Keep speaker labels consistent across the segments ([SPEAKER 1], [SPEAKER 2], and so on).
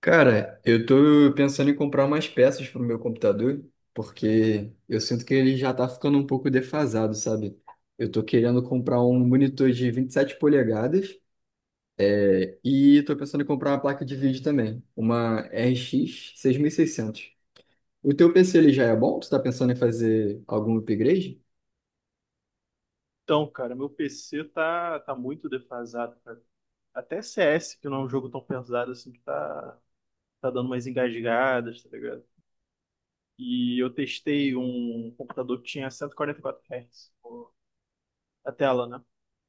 [SPEAKER 1] Cara, eu tô pensando em comprar umas peças pro meu computador, porque eu sinto que ele já tá ficando um pouco defasado, sabe? Eu tô querendo comprar um monitor de 27 polegadas e tô pensando em comprar uma placa de vídeo também, uma RX 600. O teu PC ele já é bom? Tu tá pensando em fazer algum upgrade?
[SPEAKER 2] Então, cara, meu PC tá muito defasado, cara. Até CS, que não é um jogo tão pesado assim, tá dando umas engasgadas, tá ligado? E eu testei um computador que tinha cento e quarenta e quatro Hz, pô, a tela, né?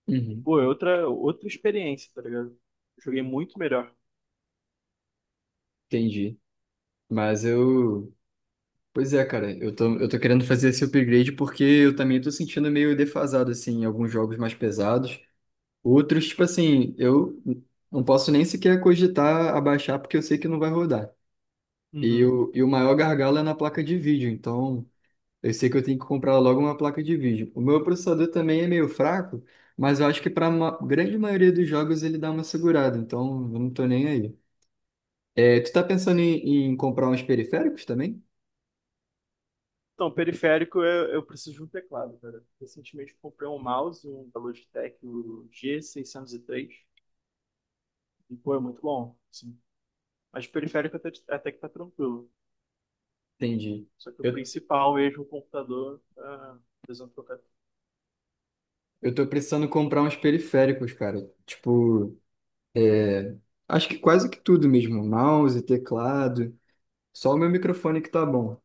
[SPEAKER 1] Uhum,
[SPEAKER 2] Pô, é outra experiência, tá ligado? Joguei muito melhor.
[SPEAKER 1] entendi. Mas eu. Pois é, cara, eu tô querendo fazer esse upgrade porque eu também tô sentindo meio defasado, assim, em alguns jogos mais pesados. Outros, tipo assim, eu não posso nem sequer cogitar abaixar porque eu sei que não vai rodar. E
[SPEAKER 2] Uhum.
[SPEAKER 1] o, e o maior gargalo é na placa de vídeo, então eu sei que eu tenho que comprar logo uma placa de vídeo. O meu processador também é meio fraco, mas eu acho que para a grande maioria dos jogos ele dá uma segurada, então eu não tô nem aí. Tu tá pensando em comprar uns periféricos também?
[SPEAKER 2] Então, periférico, eu preciso de um teclado, cara. Recentemente eu comprei um mouse, um da Logitech, o G603, e três, e pô, é muito bom, assim. Mas periférico até que tá tranquilo.
[SPEAKER 1] Entendi.
[SPEAKER 2] Só que o
[SPEAKER 1] Eu,
[SPEAKER 2] principal eixo do computador é desentrocado.
[SPEAKER 1] eu tô precisando comprar uns periféricos, cara. Tipo, é, acho que quase que tudo mesmo, mouse, teclado. Só o meu microfone que tá bom.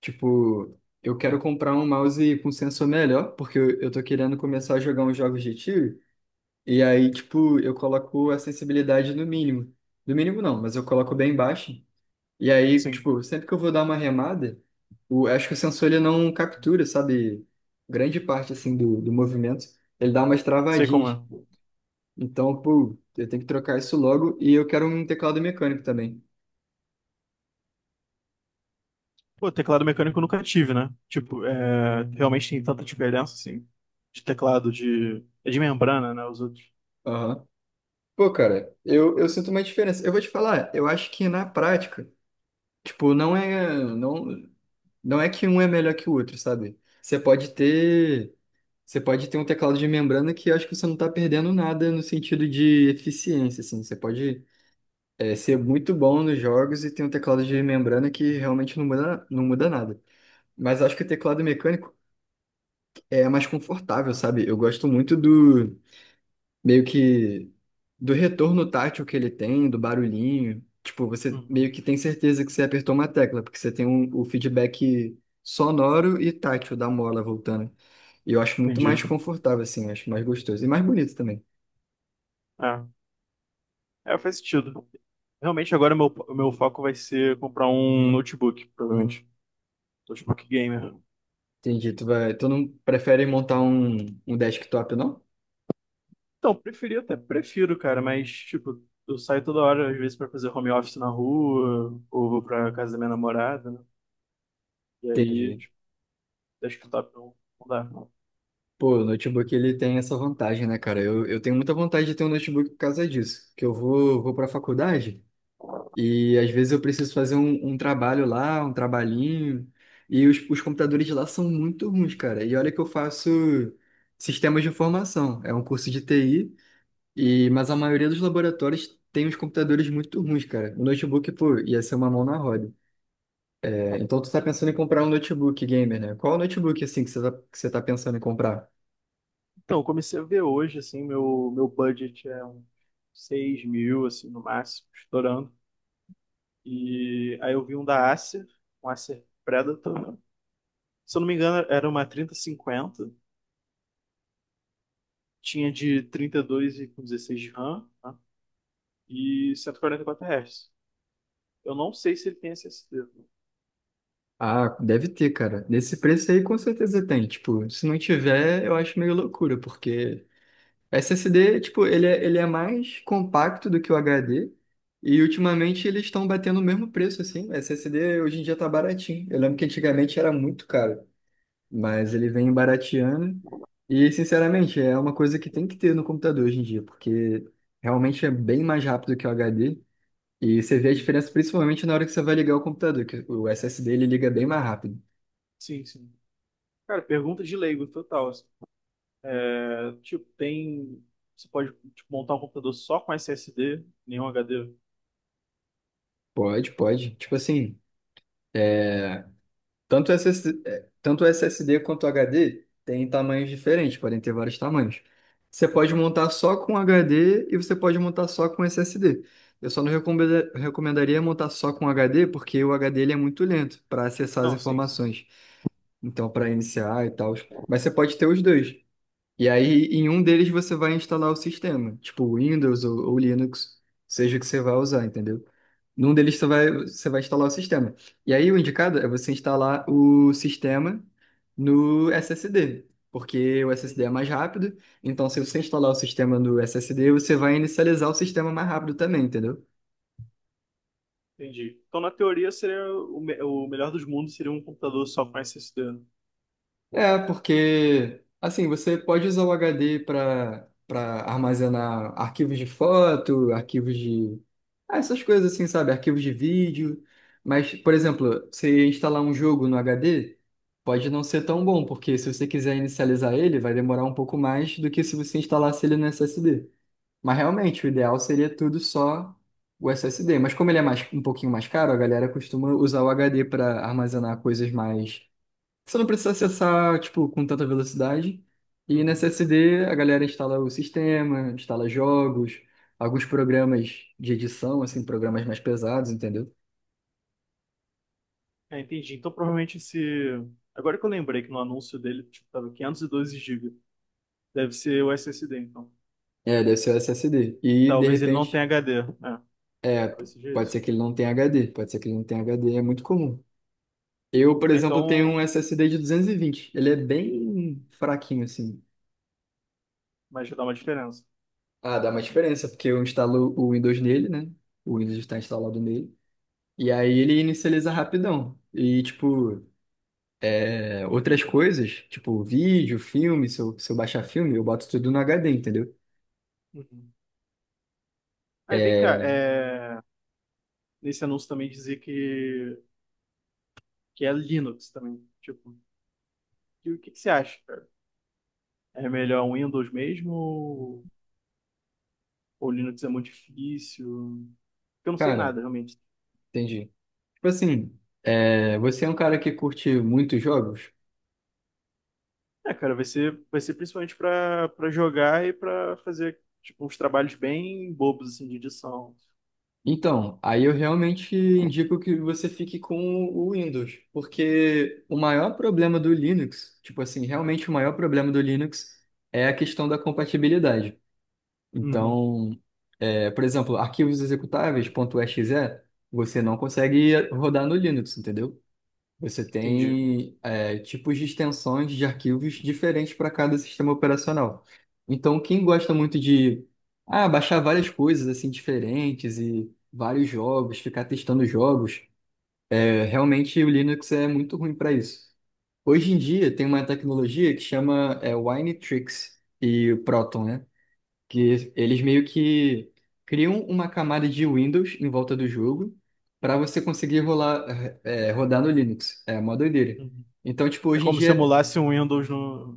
[SPEAKER 1] Tipo, eu quero comprar um mouse com sensor melhor, porque eu tô querendo começar a jogar uns jogos de tiro. E aí, tipo, eu coloco a sensibilidade no mínimo. No mínimo não, mas eu coloco bem baixo. E aí,
[SPEAKER 2] Sim.
[SPEAKER 1] tipo, sempre que eu vou dar uma remada, acho que o sensor ele não captura, sabe? Grande parte, assim, do movimento. Ele dá umas
[SPEAKER 2] Sei como
[SPEAKER 1] travadinhas.
[SPEAKER 2] é.
[SPEAKER 1] Então, pô, eu tenho que trocar isso logo. E eu quero um teclado mecânico também.
[SPEAKER 2] Pô, teclado mecânico eu nunca tive, né? Tipo, é, realmente tem tanta diferença, assim, de teclado de. É de membrana, né? Os outros.
[SPEAKER 1] Aham. Pô, cara, eu sinto uma diferença. Eu vou te falar, eu acho que na prática, tipo, não é que um é melhor que o outro, sabe? Você pode ter um teclado de membrana que eu acho que você não tá perdendo nada no sentido de eficiência, assim. Você pode, ser muito bom nos jogos e ter um teclado de membrana que realmente não muda, não muda nada. Mas eu acho que o teclado mecânico é mais confortável, sabe? Eu gosto muito do meio que do retorno tátil que ele tem, do barulhinho. Tipo, você
[SPEAKER 2] Uhum.
[SPEAKER 1] meio que tem certeza que você apertou uma tecla, porque você tem o feedback sonoro e tátil da mola voltando. E eu acho muito
[SPEAKER 2] Entendi.
[SPEAKER 1] mais confortável, assim, acho mais gostoso. E mais bonito também.
[SPEAKER 2] É. É, faz sentido. Realmente agora o meu foco vai ser comprar um notebook, provavelmente. Notebook gamer.
[SPEAKER 1] Entendi. Tu não prefere montar um desktop, não?
[SPEAKER 2] Então, preferi até prefiro, cara, mas, tipo, eu saio toda hora, às vezes, pra fazer home office na rua, ou vou pra casa da minha namorada, né? E aí,
[SPEAKER 1] Entendi.
[SPEAKER 2] acho que o top não dá pra eu mudar.
[SPEAKER 1] Pô, o notebook ele tem essa vantagem, né, cara? Eu tenho muita vontade de ter um notebook por causa disso. Que eu vou pra faculdade. E às vezes eu preciso fazer um trabalho lá, um trabalhinho, e os computadores de lá são muito ruins, cara. E olha que eu faço sistemas de informação, é um curso de TI, mas a maioria dos laboratórios tem os computadores muito ruins, cara. O notebook, pô, ia ser uma mão na roda. É, então tu tá pensando em comprar um notebook gamer, né? Qual notebook, assim, que você tá pensando em comprar?
[SPEAKER 2] Então, eu comecei a ver hoje, assim, meu budget é uns 6 mil, assim, no máximo, estourando. E aí eu vi um da Acer, um Acer Predator, né? Se eu não me engano, era uma 3050. Tinha de 32 e com 16 de RAM, né? E 144 Hz. Eu não sei se ele tem SSD.
[SPEAKER 1] Ah, deve ter, cara. Nesse preço aí com certeza tem. Tipo, se não tiver, eu acho meio loucura, porque o SSD, tipo, ele é mais compacto do que o HD. E ultimamente eles estão batendo o mesmo preço, assim. O SSD hoje em dia tá baratinho. Eu lembro que antigamente era muito caro, mas ele vem barateando. E, sinceramente, é uma coisa que tem que ter no computador hoje em dia, porque realmente é bem mais rápido que o HD. E você vê a
[SPEAKER 2] Uhum.
[SPEAKER 1] diferença principalmente na hora que você vai ligar o computador, que o SSD ele liga bem mais rápido.
[SPEAKER 2] Sim, sim. Cara, pergunta de leigo total, assim. É, tipo, tem. Você pode tipo, montar um computador só com SSD, nenhum HD?
[SPEAKER 1] Pode, pode. Tipo assim. é, tanto o SSD quanto o HD tem tamanhos diferentes, podem ter vários tamanhos. Você pode
[SPEAKER 2] Uhum.
[SPEAKER 1] montar só com HD e você pode montar só com SSD. Eu só não recomendaria montar só com HD, porque o HD ele é muito lento para acessar as
[SPEAKER 2] Não, sim, sim.
[SPEAKER 1] informações. Então, para iniciar e tal. Mas você pode ter os dois. E aí, em um deles, você vai instalar o sistema, tipo Windows ou Linux, seja o que você vai usar, entendeu? Num deles, você vai instalar o sistema. E aí, o indicado é você instalar o sistema no SSD, porque o SSD
[SPEAKER 2] Uhum,
[SPEAKER 1] é mais rápido. Então, se você instalar o sistema no SSD, você vai inicializar o sistema mais rápido também, entendeu?
[SPEAKER 2] entendi. Então, na teoria, seria o, o melhor dos mundos seria um computador só com SSD, né?
[SPEAKER 1] É, porque assim, você pode usar o HD para armazenar arquivos de foto, essas coisas assim, sabe? Arquivos de vídeo. Mas, por exemplo, você instalar um jogo no HD, pode não ser tão bom, porque se você quiser inicializar ele, vai demorar um pouco mais do que se você instalasse ele no SSD. Mas realmente, o ideal seria tudo só o SSD. Mas como ele é mais, um pouquinho mais caro, a galera costuma usar o HD para armazenar coisas mais você não precisa acessar, tipo, com tanta velocidade. E nesse
[SPEAKER 2] Uhum.
[SPEAKER 1] SSD a galera instala o sistema, instala jogos, alguns programas de edição, assim, programas mais pesados, entendeu?
[SPEAKER 2] É, entendi. Então, provavelmente esse. Agora que eu lembrei que no anúncio dele, tipo, tava 512 GB. Deve ser o SSD, então.
[SPEAKER 1] É, deve ser o SSD. E de
[SPEAKER 2] Talvez ele não tenha
[SPEAKER 1] repente,
[SPEAKER 2] HD. É,
[SPEAKER 1] é,
[SPEAKER 2] talvez seja
[SPEAKER 1] pode ser
[SPEAKER 2] isso.
[SPEAKER 1] que ele não tenha HD, pode ser que ele não tenha HD, é muito comum. Eu, por
[SPEAKER 2] Ah,
[SPEAKER 1] exemplo, tenho um
[SPEAKER 2] então,
[SPEAKER 1] SSD de 220. Ele é bem fraquinho, assim.
[SPEAKER 2] mas já dá uma diferença.
[SPEAKER 1] Ah, dá uma diferença, porque eu instalo o Windows nele, né? O Windows está instalado nele. E aí ele inicializa rapidão. E, tipo, outras coisas, tipo vídeo, filme, se eu baixar filme, eu boto tudo no HD, entendeu?
[SPEAKER 2] Uhum. Aí vem cá,
[SPEAKER 1] É,
[SPEAKER 2] nesse anúncio também dizia que é Linux também. Tipo, e o que que você acha, cara? É melhor um Windows mesmo ou Linux é muito difícil. Porque eu não sei
[SPEAKER 1] cara,
[SPEAKER 2] nada, realmente.
[SPEAKER 1] entendi. Tipo assim, você é um cara que curte muitos jogos?
[SPEAKER 2] É, cara, vai ser principalmente pra para jogar e pra fazer tipo, uns trabalhos bem bobos assim, de edição.
[SPEAKER 1] Então, aí eu realmente indico que você fique com o Windows, porque o maior problema do Linux, tipo assim, realmente o maior problema do Linux é a questão da compatibilidade.
[SPEAKER 2] Uhum,
[SPEAKER 1] Então, por exemplo, arquivos executáveis .exe, você não consegue rodar no Linux, entendeu? Você
[SPEAKER 2] entendi.
[SPEAKER 1] tem tipos de extensões de arquivos diferentes para cada sistema operacional. Então, quem gosta muito de baixar várias coisas assim diferentes e vários jogos, ficar testando jogos, realmente o Linux é muito ruim para isso. Hoje em dia tem uma tecnologia que chama Winetrix e Proton, né? Que eles meio que criam uma camada de Windows em volta do jogo para você conseguir rodar no Linux. É uma doideira.
[SPEAKER 2] Uhum.
[SPEAKER 1] Então, tipo,
[SPEAKER 2] É
[SPEAKER 1] hoje em
[SPEAKER 2] como se
[SPEAKER 1] dia,
[SPEAKER 2] emulasse um Windows no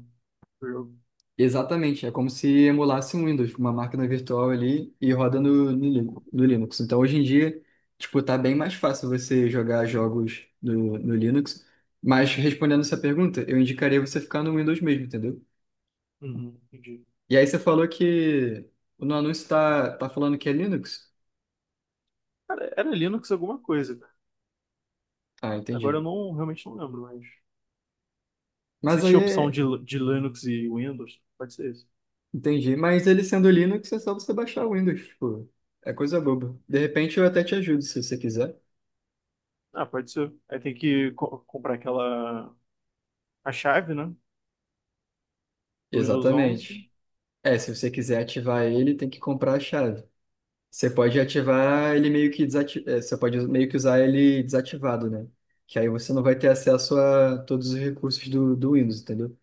[SPEAKER 2] no jogo.
[SPEAKER 1] exatamente, é como se emulasse um Windows, uma máquina virtual ali e roda no Linux. Então, hoje em dia, tipo, tá bem mais fácil você jogar jogos no Linux. Mas respondendo essa pergunta, eu indicaria você ficar no Windows mesmo, entendeu?
[SPEAKER 2] Uhum, entendi.
[SPEAKER 1] E aí você falou que no anúncio tá falando que é Linux.
[SPEAKER 2] Cara, era Linux alguma coisa, cara.
[SPEAKER 1] Ah,
[SPEAKER 2] Agora eu
[SPEAKER 1] entendi.
[SPEAKER 2] não realmente não lembro, mas. Não sei
[SPEAKER 1] Mas
[SPEAKER 2] se
[SPEAKER 1] aí,
[SPEAKER 2] tinha opção
[SPEAKER 1] é-
[SPEAKER 2] de Linux e Windows. Pode ser isso.
[SPEAKER 1] Entendi. Mas ele sendo Linux, é só você baixar o Windows, tipo, é coisa boba. De repente eu até te ajudo, se você quiser.
[SPEAKER 2] Ah, pode ser. Aí tem que comprar aquela a chave, né? Do Windows 11.
[SPEAKER 1] Exatamente. É, se você quiser ativar ele, tem que comprar a chave. Você pode ativar ele meio que você pode meio que usar ele desativado, né? Que aí você não vai ter acesso a todos os recursos do Windows, entendeu?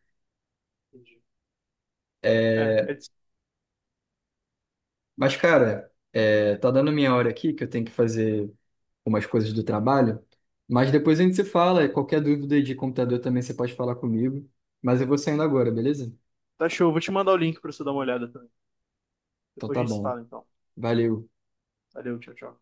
[SPEAKER 2] Entendi. É,
[SPEAKER 1] É,
[SPEAKER 2] é.
[SPEAKER 1] Mas, cara, tá dando minha hora aqui que eu tenho que fazer umas coisas do trabalho. Mas depois a gente se fala. E qualquer dúvida de computador também você pode falar comigo. Mas eu vou saindo agora, beleza?
[SPEAKER 2] Tá show, vou te mandar o link pra você dar uma olhada também.
[SPEAKER 1] Então
[SPEAKER 2] Depois a
[SPEAKER 1] tá
[SPEAKER 2] gente se
[SPEAKER 1] bom.
[SPEAKER 2] fala, então.
[SPEAKER 1] Valeu.
[SPEAKER 2] Valeu, tchau, tchau.